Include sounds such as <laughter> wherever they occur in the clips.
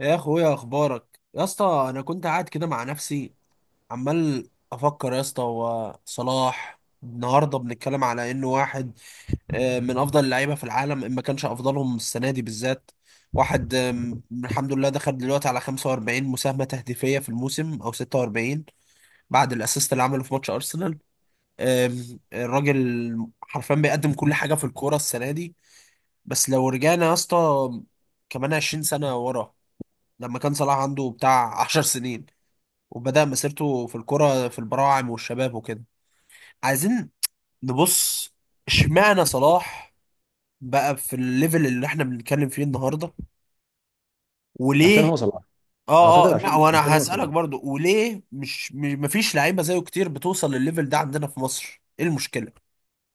يا اخويا، اخبارك يا اسطى؟ انا كنت قاعد كده مع نفسي عمال افكر يا اسطى، هو صلاح النهارده بنتكلم على انه واحد من افضل اللعيبه في العالم. ان ما كانش افضلهم السنه دي بالذات واحد، الحمد لله دخل دلوقتي على 45 مساهمه تهديفيه في الموسم او 46 بعد الاسيست اللي عمله في ماتش ارسنال. الراجل حرفيا بيقدم كل حاجه في الكوره السنه دي. بس لو رجعنا يا اسطى كمان 20 سنه ورا، لما كان صلاح عنده بتاع 10 سنين وبدأ مسيرته في الكرة في البراعم والشباب وكده، عايزين نبص، اشمعنى صلاح بقى في الليفل اللي احنا بنتكلم فيه النهارده، عشان وليه؟ هو صلاح. اه، اعتقد اه، عشان وانا هو صلاح. هسألك برضو، وليه مفيش لعيبة زيه كتير بتوصل للليفل ده عندنا في مصر؟ ايه المشكلة؟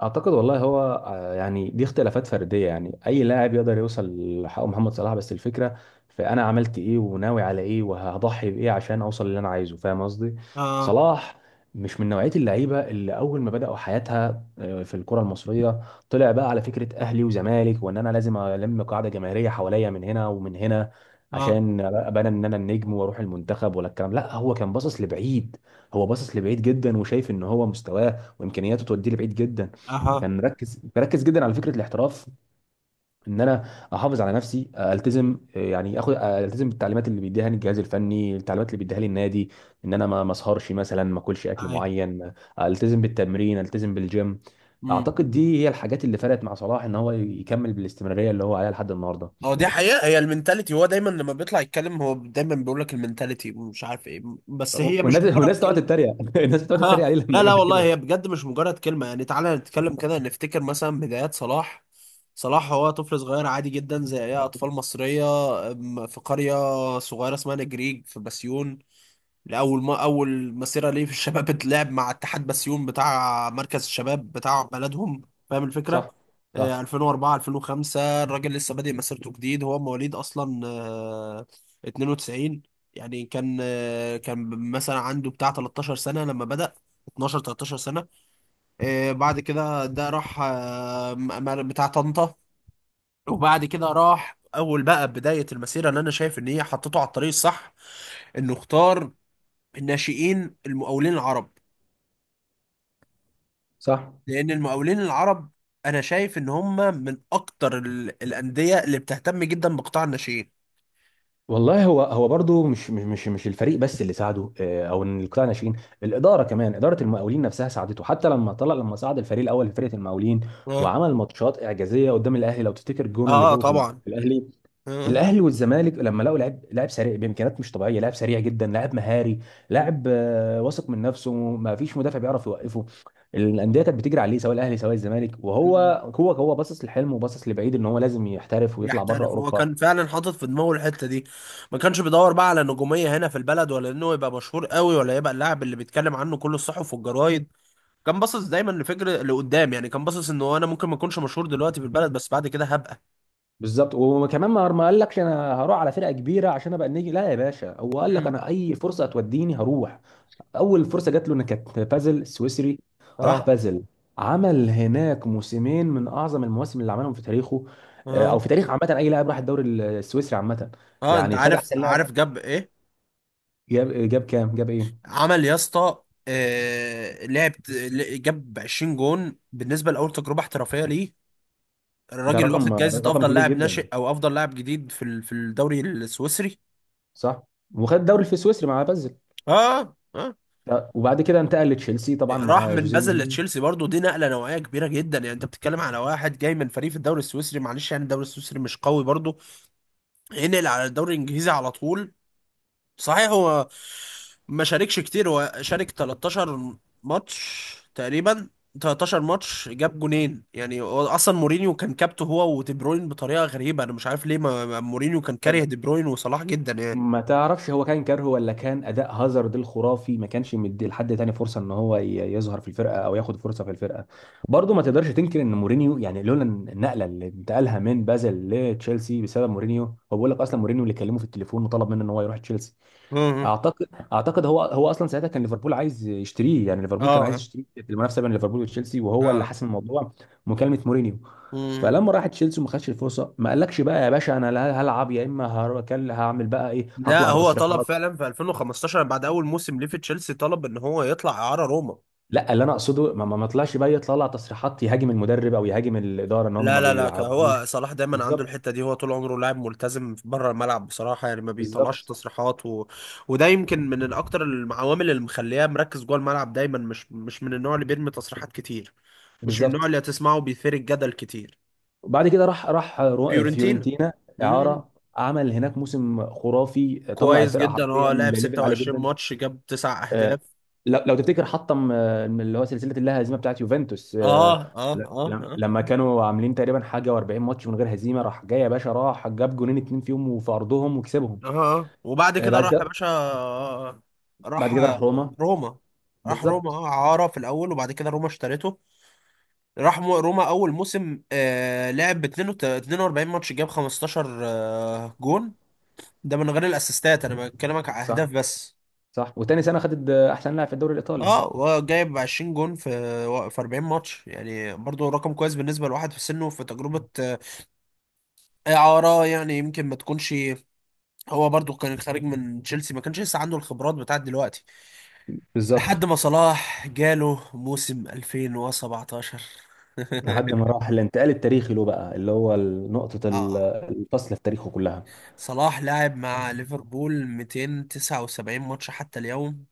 اعتقد والله هو، يعني دي اختلافات فرديه. يعني اي لاعب يقدر يوصل لحق محمد صلاح، بس الفكره في انا عملت ايه وناوي على ايه وهضحي بايه عشان اوصل اللي انا عايزه. فاهم قصدي؟ اه. صلاح مش من نوعيه اللعيبه اللي اول ما بداوا حياتها في الكره المصريه طلع بقى على فكره اهلي وزمالك، وان انا لازم الم قاعده جماهيريه حواليا من هنا ومن هنا اه. عشان ابقى انا، انا النجم واروح المنتخب، ولا الكلام. لا، هو كان باصص لبعيد. هو باصص لبعيد جدا، وشايف ان هو مستواه وامكانياته توديه لبعيد جدا. اها. كان مركز جدا على فكره الاحتراف، ان انا احافظ على نفسي، التزم، يعني اخد، التزم بالتعليمات اللي بيديها لي الجهاز الفني، التعليمات اللي بيديها لي النادي، ان انا ما اسهرش مثلا، ما اكلش اكل ايوه. معين، التزم بالتمرين، التزم بالجيم. اعتقد امم. دي هي الحاجات اللي فرقت مع صلاح، ان هو يكمل بالاستمراريه اللي هو عليها لحد النهارده. هو دي حقيقة، هي المنتاليتي. هو دايما لما بيطلع يتكلم هو دايما بيقول لك المنتاليتي ومش عارف ايه، بس هي مش والناس مجرد... والناس تقعد تتريق <laughs> الناس بتقعد تتريق ها، عليه لما لا لا، يقول لك والله كده. هي بجد مش مجرد كلمة. يعني تعالى نتكلم كده، نفتكر مثلا بدايات صلاح. صلاح هو طفل صغير عادي جدا زي أي أطفال مصرية، في قرية صغيرة اسمها نجريج في بسيون. اول ما اول مسيره ليه في الشباب <laughs> اتلعب مع اتحاد بسيون بتاع مركز الشباب بتاع بلدهم، فاهم الفكره؟ صح، آه. صح، 2004 2005 الراجل لسه بادئ مسيرته جديد. هو مواليد اصلا 92. يعني كان مثلا عنده بتاع 13 سنه لما بدأ، 12 13 سنه. آه، بعد كده ده راح بتاع طنطا. وبعد كده راح اول بقى بدايه المسيره اللي انا شايف ان هي حطته على الطريق الصح، انه اختار الناشئين المقاولين العرب. صح. لان المقاولين العرب انا شايف ان هم من اكتر الانديه اللي بتهتم جدا بقطاع الناشئين. والله هو برضه مش الفريق بس اللي ساعده، او ان القطاع الناشئين، الاداره كمان، اداره المقاولين نفسها ساعدته حتى لما طلع، لما صعد الفريق الاول في فرقه المقاولين، اه. وعمل ماتشات اعجازيه قدام الاهلي. لو تفتكر جونه اللي اه جابه في طبعا. في الاهلي. اه. الاهلي والزمالك لما لقوا لاعب سريع بامكانيات مش طبيعيه، لاعب سريع جدا، لاعب مهاري، لاعب واثق من نفسه، ما فيش مدافع بيعرف يوقفه. الانديه كانت بتجري عليه سواء الاهلي سواء الزمالك، وهو، مم. هو باصص لحلمه وباصص لبعيد، ان هو لازم يحترف ويطلع بره يحترف، هو اوروبا. كان فعلا حاطط في دماغه الحته دي. ما كانش بيدور بقى على نجوميه هنا في البلد، ولا انه يبقى مشهور قوي، ولا يبقى اللاعب اللي بيتكلم عنه كل الصحف والجرايد. كان باصص دايما لفكر لقدام، يعني كان باصص انه انا ممكن ما اكونش مشهور دلوقتي في البلد، بس بعد كده هبقى... بالظبط، وكمان ما قال لكش انا هروح على فرقه كبيره عشان ابقى النجم. لا يا باشا، هو قال لك مم. انا اي فرصه هتوديني هروح. اول فرصه جات له ان كانت بازل سويسري. راح اه. بازل، عمل هناك موسمين من اعظم المواسم اللي عملهم في تاريخه، او اه. في تاريخ عامه اي لاعب راح الدوري السويسري عامه. اه انت يعني خد عارف، احسن لاعب. عارف جاب ايه؟ جاب كام، جاب ايه؟ عمل يا اسطى، جاب 20 جون بالنسبه لاول تجربه احترافيه ليه. ده الراجل رقم، واخد جايزه رقم افضل كبير لاعب جدا. ناشئ او افضل لاعب جديد في في الدوري السويسري. صح، وخد الدوري في السويسري مع بازل. اه. اه. وبعد كده انتقل لتشيلسي طبعا راح مع من جوزيه بازل مورينيو. لتشيلسي، برضو دي نقله نوعيه كبيره جدا. يعني انت بتتكلم على واحد جاي من فريق في الدوري السويسري، معلش يعني الدوري السويسري مش قوي برضو، ينقل على الدوري الانجليزي على طول. صحيح، هو ما شاركش كتير، هو شارك 13 ماتش تقريبا. 13 ماتش جاب جونين، يعني هو اصلا مورينيو كان كابته هو ودي بروين بطريقه غريبه، انا مش عارف ليه، مورينيو كان كاره دي بروين وصلاح جدا يعني. ما تعرفش هو كان كارهه ولا كان اداء هازارد الخرافي ما كانش مدي لحد تاني فرصه ان هو يظهر في الفرقه او ياخد فرصه في الفرقه. برضه ما تقدرش تنكر ان مورينيو، يعني لولا النقله اللي انتقلها من بازل لتشيلسي بسبب مورينيو، هو بيقول لك اصلا مورينيو اللي كلمه في التليفون وطلب منه ان هو يروح تشيلسي. امم. اعتقد اعتقد هو اصلا ساعتها كان ليفربول عايز يشتريه. يعني ليفربول كان عايز اه. يشتريه في المنافسه بين ليفربول وتشيلسي، وهو اللي اه. حسم الموضوع، مكالمه مورينيو. امم. فلما راح تشيلسي وما خدش الفرصه، ما قالكش بقى يا باشا انا، لا هلعب يا اما هعمل بقى ايه، لا، هطلع هو طلب بتصريحات. فعلا في 2015 بعد اول موسم ليه في تشيلسي، طلب ان هو يطلع اعاره روما. لا، اللي انا اقصده ما طلعش بقى يطلع تصريحات يهاجم المدرب او يهاجم الاداره ان هم لا ما لا لا، بيلعبوش. هو صلاح دايما عنده بالظبط، الحته دي، هو طول عمره لاعب ملتزم بره الملعب بصراحه، يعني ما بيطلعش بالظبط، تصريحات و... وده يمكن من الاكتر العوامل اللي مخلياه مركز جوه الملعب دايما، مش من النوع اللي بيرمي تصريحات كتير، مش من النوع بالظبط. اللي هتسمعه بيثير الجدل كتير. وبعد كده راح فيورنتينا. فيورنتينا، مم. اعاره. عمل هناك موسم خرافي، طلع كويس الفرقه جدا، هو حرفيا لعب لليفل عالي 26 جدا. ماتش جاب تسع آه، اهداف لو تفتكر حطم، من اللي هو سلسله اللاهزيمه بتاعت يوفنتوس، اه. اه. اه. لما اه. كانوا عاملين تقريبا حاجه و40 ماتش من غير هزيمه، راح جاي يا باشا راح جاب جونين اتنين فيهم وفي ارضهم وكسبهم. اه. اه. وبعد آه، كده بعد راح يا كده باشا، راح بعد كده راح روما. روما. راح روما بالظبط. اه، عارة في الأول، وبعد كده روما اشترته. روما اول موسم لعب ب 42 ماتش، جاب 15 جون. ده من غير الاسيستات، انا بكلمك على اهداف صح، بس. صح. وتاني سنه خدت احسن لاعب في الدوري الايطالي. اه، وجايب 20 جون في 40 ماتش، يعني برضو رقم كويس بالنسبه لواحد في سنه في تجربه اعاره، يعني يمكن ما تكونش... هو برضو كان خارج من تشيلسي، ما كانش لسه عنده الخبرات بتاعت دلوقتي، بالظبط. لحد ما صلاح جاله موسم 2017. لحد <laughs> ما راح الانتقال التاريخي له بقى اللي هو، نقطه اه. الفصل في تاريخه كلها. صلاح لاعب مع ليفربول 279 ماتش حتى اليوم،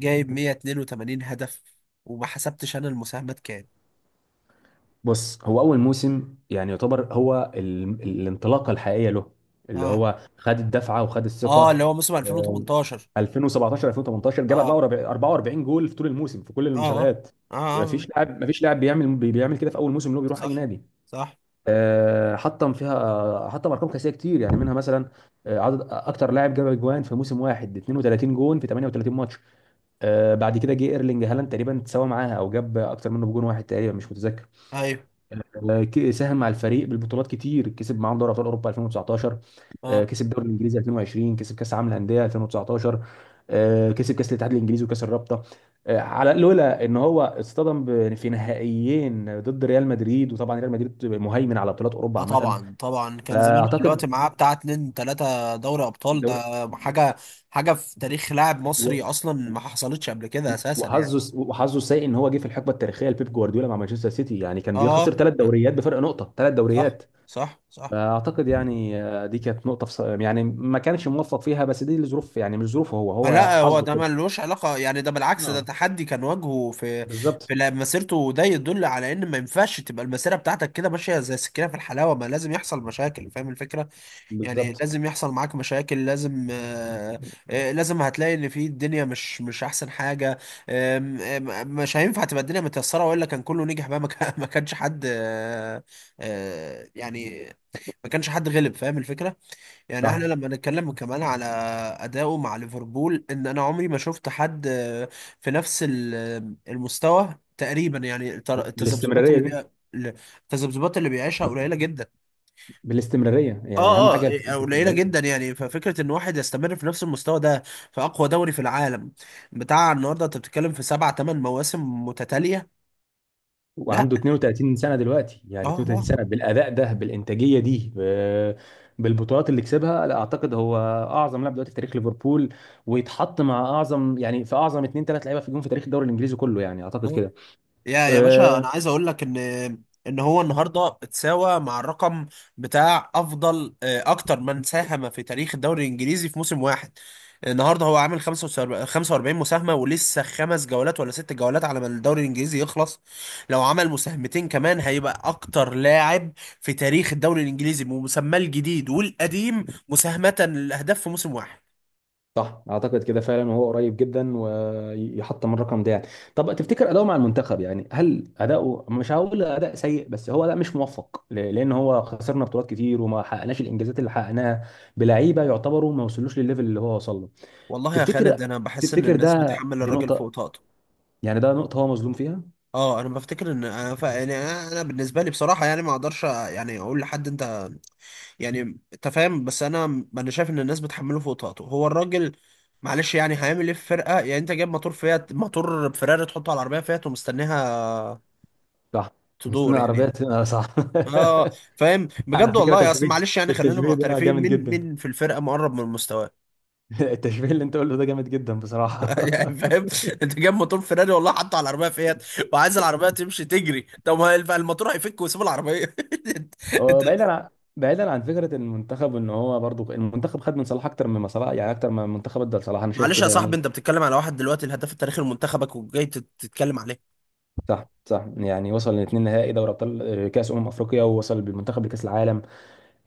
جايب 182 هدف، وما حسبتش انا المساهمات كام. بص، هو اول موسم يعني يعتبر هو الانطلاقه الحقيقيه له، اللي اه. هو خد الدفعه وخد اه، الثقه. اللي هو موسم آه، 2018. 2017 2018 جاب اه. 44 جول في طول الموسم في كل اه. اه. المسابقات. اه. آه. يعني آه. مفيش لاعب، مفيش لاعب بيعمل كده في اول موسم اللي هو بيروح صح. اي نادي. صح. حطم فيها، حطم ارقام قياسيه كتير يعني. منها مثلا عدد اكتر لاعب جاب اجوان في موسم واحد، 32 جون في 38 ماتش. بعد كده جه ايرلينج هالاند تقريبا تساوى معاها او جاب اكتر منه بجون واحد تقريبا، مش متذكر. ايوه. ساهم مع الفريق بالبطولات كتير، كسب معاهم دوري ابطال اوروبا 2019. اه. كسب الدوري الانجليزي 2020، كسب كاس العالم للانديه 2019. كسب كاس الاتحاد الانجليزي وكاس الرابطه. على، لولا ان هو اصطدم في نهائيين ضد ريال مدريد، وطبعا ريال مدريد مهيمن على بطولات اوروبا اه عامه. طبعا. طبعا كان زمان، دلوقتي فاعتقد معاه بتاع اتنين تلاتة دوري ابطال، الدوري ده حاجة، في تاريخ لاعب و- مصري اصلا ما حصلتش قبل كده اساسا يعني. وحظه السيء ان هو جه في الحقبه التاريخيه لبيب جوارديولا مع مانشستر سيتي. يعني كان بيخسر اه. ثلاث دوريات بفرق نقطه، ثلاث صح. دوريات. صح. صح. اعتقد يعني دي كانت نقطه في يعني ما كانش موفق فيها، بس دي الظروف يعني، مش ظروفه هو، هو لا، هو حظه ده كده. ملوش علاقة، يعني ده بالعكس، ده اه. تحدي كان واجهه في بالظبط، مسيرته، وده يدل على ان ما ينفعش تبقى المسيرة بتاعتك كده ماشية زي السكينة في الحلاوة، ما لازم يحصل مشاكل، فاهم الفكرة؟ يعني بالظبط. لازم يحصل معاك مشاكل، لازم آه آه لازم هتلاقي ان في الدنيا مش احسن حاجة. آم، آم، مش هينفع تبقى الدنيا متيسرة، والا كان كله نجح بقى، ما كان- ما كانش حد آه آه يعني ما كانش حد غلب، فاهم الفكرة؟ يعني احنا صح. لما نتكلم كمان على اداؤه مع ليفربول، ان انا عمري ما شفت حد في نفس المستوى تقريبا يعني، التذبذبات بالاستمراريه اللي دي بي... التذبذبات اللي بيعيشها قليله جدا. بالاستمراريه يعني اهم اه. حاجه فكره اه. قليله الاستمراريه. جدا، يعني ففكره ان واحد يستمر في نفس المستوى ده في اقوى دوري في العالم بتاع النهارده، انت بتتكلم في سبع ثمان مواسم متتاليه. لا. وعنده 32 سنه دلوقتي، يعني اه. اه. 32 سنه بالاداء ده، بالانتاجيه دي، بالبطولات اللي كسبها، لا، اعتقد هو اعظم لاعب دلوقتي في تاريخ ليفربول. ويتحط مع اعظم، يعني في اعظم اثنين، ثلاث لعيبه في الجون في تاريخ الدوري الانجليزي كله. يعني اعتقد آه. كده. يا باشا، آه، انا عايز اقول لك ان هو النهارده اتساوى مع الرقم بتاع افضل اكتر من ساهم في تاريخ الدوري الانجليزي في موسم واحد. النهارده هو عامل 45 45 مساهمه، ولسه 5 جولات ولا 6 جولات على ما الدوري الانجليزي يخلص. لو عمل مساهمتين كمان، هيبقى اكتر لاعب في تاريخ الدوري الانجليزي بمسماه الجديد والقديم مساهمه للاهداف في موسم واحد. صح، اعتقد كده فعلا، وهو قريب جدا ويحط من الرقم ده يعني. طب تفتكر اداؤه مع المنتخب، يعني هل اداؤه، مش هقول اداء سيء، بس هو اداء مش موفق؟ لان هو خسرنا بطولات كتير، وما حققناش الانجازات اللي حققناها بلعيبه يعتبروا ما وصلوش للليفل اللي هو وصل له. والله يا تفتكر خالد، انا بحس ان تفتكر الناس ده، بتحمل دي الراجل نقطه، فوق طاقته. يعني ده نقطه هو مظلوم فيها. اه، انا بفتكر ان انا ف... يعني انا بالنسبه لي بصراحه يعني ما اقدرش يعني اقول لحد انت، يعني انت فاهم، بس انا انا شايف ان الناس بتحمله فوق طاقته. هو الراجل معلش يعني هيعمل ايه في فرقه؟ يعني انت جايب موتور فيراري تحطه على العربيه فيات، ومستنيها صح، مستني تدور العربيه يعني. تنقل. صح. اه، فاهم <laughs> على بجد فكره والله، اصل معلش يعني خلينا التشبيه ده معترفين، جامد مين جدا. مين في الفرقه مقرب من مستواه؟ <laughs> التشبيه اللي انت قلته ده جامد جدا بصراحه. <laughs> يعني <laughs> فاهم، انت جايب موتور فيراري والله حاطه على العربيه فيات، وعايز العربيه تمشي تجري. طب ما الموتور هيفك ويسيب العربيه. هو <laughs> بعيدا عن فكره المنتخب، ان هو برضو المنتخب خد من صلاح اكتر مما صلاح يعني، اكتر ما المنتخب ادى لصلاح. انا شايف معلش يا كده صاحبي، يعني. انت بتتكلم على واحد دلوقتي الهداف التاريخي لمنتخبك، وجاي تتكلم عليه. صح، صح. يعني وصل لاثنين نهائي دوري ابطال، كاس افريقيا، ووصل بالمنتخب لكاس العالم.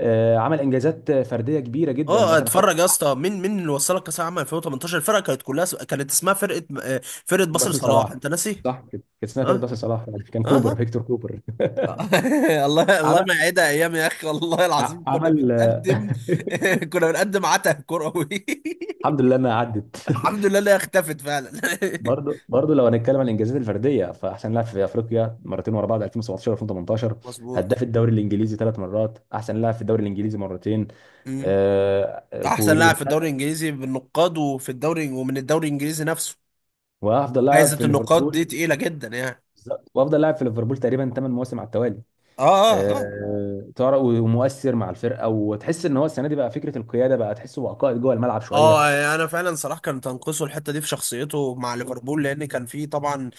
عمل انجازات فرديه كبيره جدا. اه، مثلا خد، اتفرج يا اسطى، مين مين اللي وصلك كاس العالم 2018؟ الفرقه كانت كلها كانت اسمها فرقه، فرقه باسل باص لصلاح. صلاح، انت ناسي؟ صح كده. كان اسمها فرقه اه. باص لصلاح. كان كوبر، اه. فيكتور كوبر. اه. <laughs> الله <laughs> الله، ما عمل يعيدها ايام يا اخي والله العظيم، كنا عمل. بنقدم <laughs> <laughs> كنا بنقدم عته كروي. <laughs> الحمد لله انها عدت. <laughs> الحمد لله انها اختفت فعلا. برضه لو هنتكلم عن الانجازات الفرديه، فاحسن لاعب في افريقيا مرتين ورا بعض 2017 و2018. <laughs> مظبوط. هداف الدوري الانجليزي ثلاث مرات، احسن لاعب في الدوري الانجليزي مرتين. امم. آه، ف- احسن لاعب في الدوري الانجليزي بالنقاد، وفي الدوري، ومن الدوري الانجليزي نفسه. وافضل لاعب جائزه في النقاد ليفربول. دي تقيله جدا يعني. بالظبط. وافضل لاعب في ليفربول تقريبا ثمان مواسم على التوالي. اه. اه. اه. تعرف، ومؤثر مع الفرقه، وتحس ان هو السنه دي بقى فكره القياده، بقى تحسه بقى قائد جوه الملعب شويه. اه. يعني انا فعلا صلاح كان تنقصه الحته دي في شخصيته مع ليفربول، لان كان فيه طبعا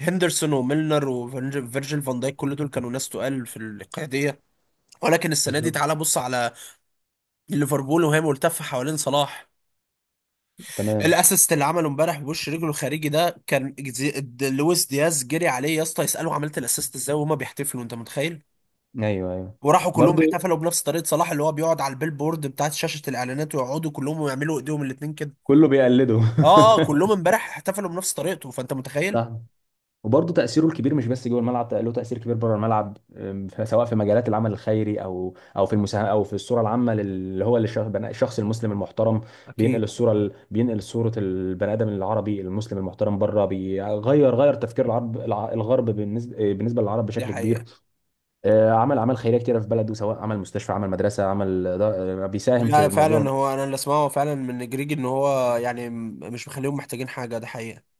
هندرسون وميلنر فيرجيل فان دايك، كل دول كانوا ناس تقال في القياديه. ولكن السنه دي بالظبط. تعالى بص على ليفربول وهي ملتفه حوالين صلاح. تمام. الاسيست اللي عمله امبارح بوش رجله الخارجي ده كان لويس دياز جري عليه يا اسطى يساله عملت الاسيست ازاي وهما بيحتفلوا، انت متخيل؟ ايوه، ايوه. وراحوا كلهم برضه احتفلوا بنفس طريقه صلاح، اللي هو بيقعد على البيلبورد بتاعت شاشه الاعلانات، ويقعدوا كلهم ويعملوا ايديهم الاتنين كده. كله بيقلده. اه. اه. كلهم <laughs> امبارح احتفلوا بنفس طريقته، فانت متخيل؟ صح. وبرضه تأثيره الكبير مش بس جوه الملعب، له تأثير كبير بره الملعب. سواء في مجالات العمل الخيري، او في المساهمة، او في الصورة العامة اللي هو بناء الشخص المسلم المحترم. اكيد. بينقل صورة البني آدم العربي المسلم المحترم بره، بيغير، غير تفكير العرب، الغرب بالنسبة للعرب دي بشكل كبير. حقيقة. عمل أعمال خيرية كتيرة في بلده، سواء عمل مستشفى، عمل مدرسة، عمل دا- آه، بيساهم لا، في موضوع. فعلا هو انا اللي اسمعه فعلا من جريج ان هو يعني مش مخليهم محتاجين حاجة، ده حقيقة.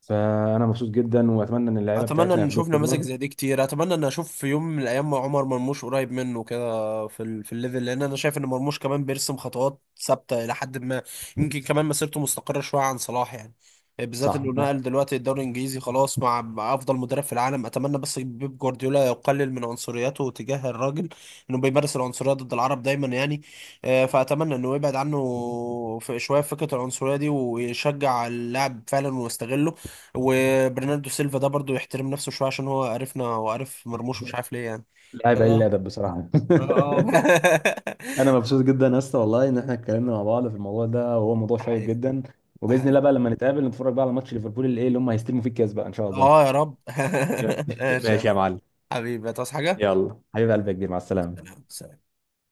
فأنا مبسوط جدا، وأتمنى إن اللعيبة اتمنى بتاعتنا ان نشوف ياخدوه نماذج قدوة. زي دي كتير، اتمنى ان اشوف في يوم من الايام عمر مرموش قريب منه كده في الليفل، لان انا شايف ان مرموش كمان بيرسم خطوات ثابته الى حد ما، يمكن كمان مسيرته مستقره شويه عن صلاح يعني، بالذات صح. انه نقل دلوقتي الدوري الانجليزي خلاص مع افضل مدرب في العالم. اتمنى بس بيب جوارديولا يقلل من عنصريته تجاه الراجل، انه بيمارس العنصريه ضد العرب دايما يعني، فاتمنى انه يبعد عنه في شويه فكره العنصريه دي، ويشجع اللاعب فعلا ويستغله. وبرناردو سيلفا ده برضو يحترم نفسه شويه، عشان هو عرفنا هو عارف مرموش، مش عارف ليه يعني. لاعب قليل اه. الأدب بصراحة. <laughs> اه. اه. <laughs> انا مبسوط جدا يا اسطى، والله ان احنا اتكلمنا مع بعض في الموضوع ده، وهو موضوع ده شيق حقيقي. جدا. ده وباذن الله حقيقي. بقى لما نتقابل نتفرج بقى على ماتش ليفربول اللي ايه اللي هم هيستلموا فيه الكاس بقى ان شاء الله. اه، يا رب. <laughs> <laughs> يا- ماشي يا ماشي يا معلم. حبيبي، هتعوز حاجه؟ يلا حبيب قلبي يا كبير، مع السلامه. سلام.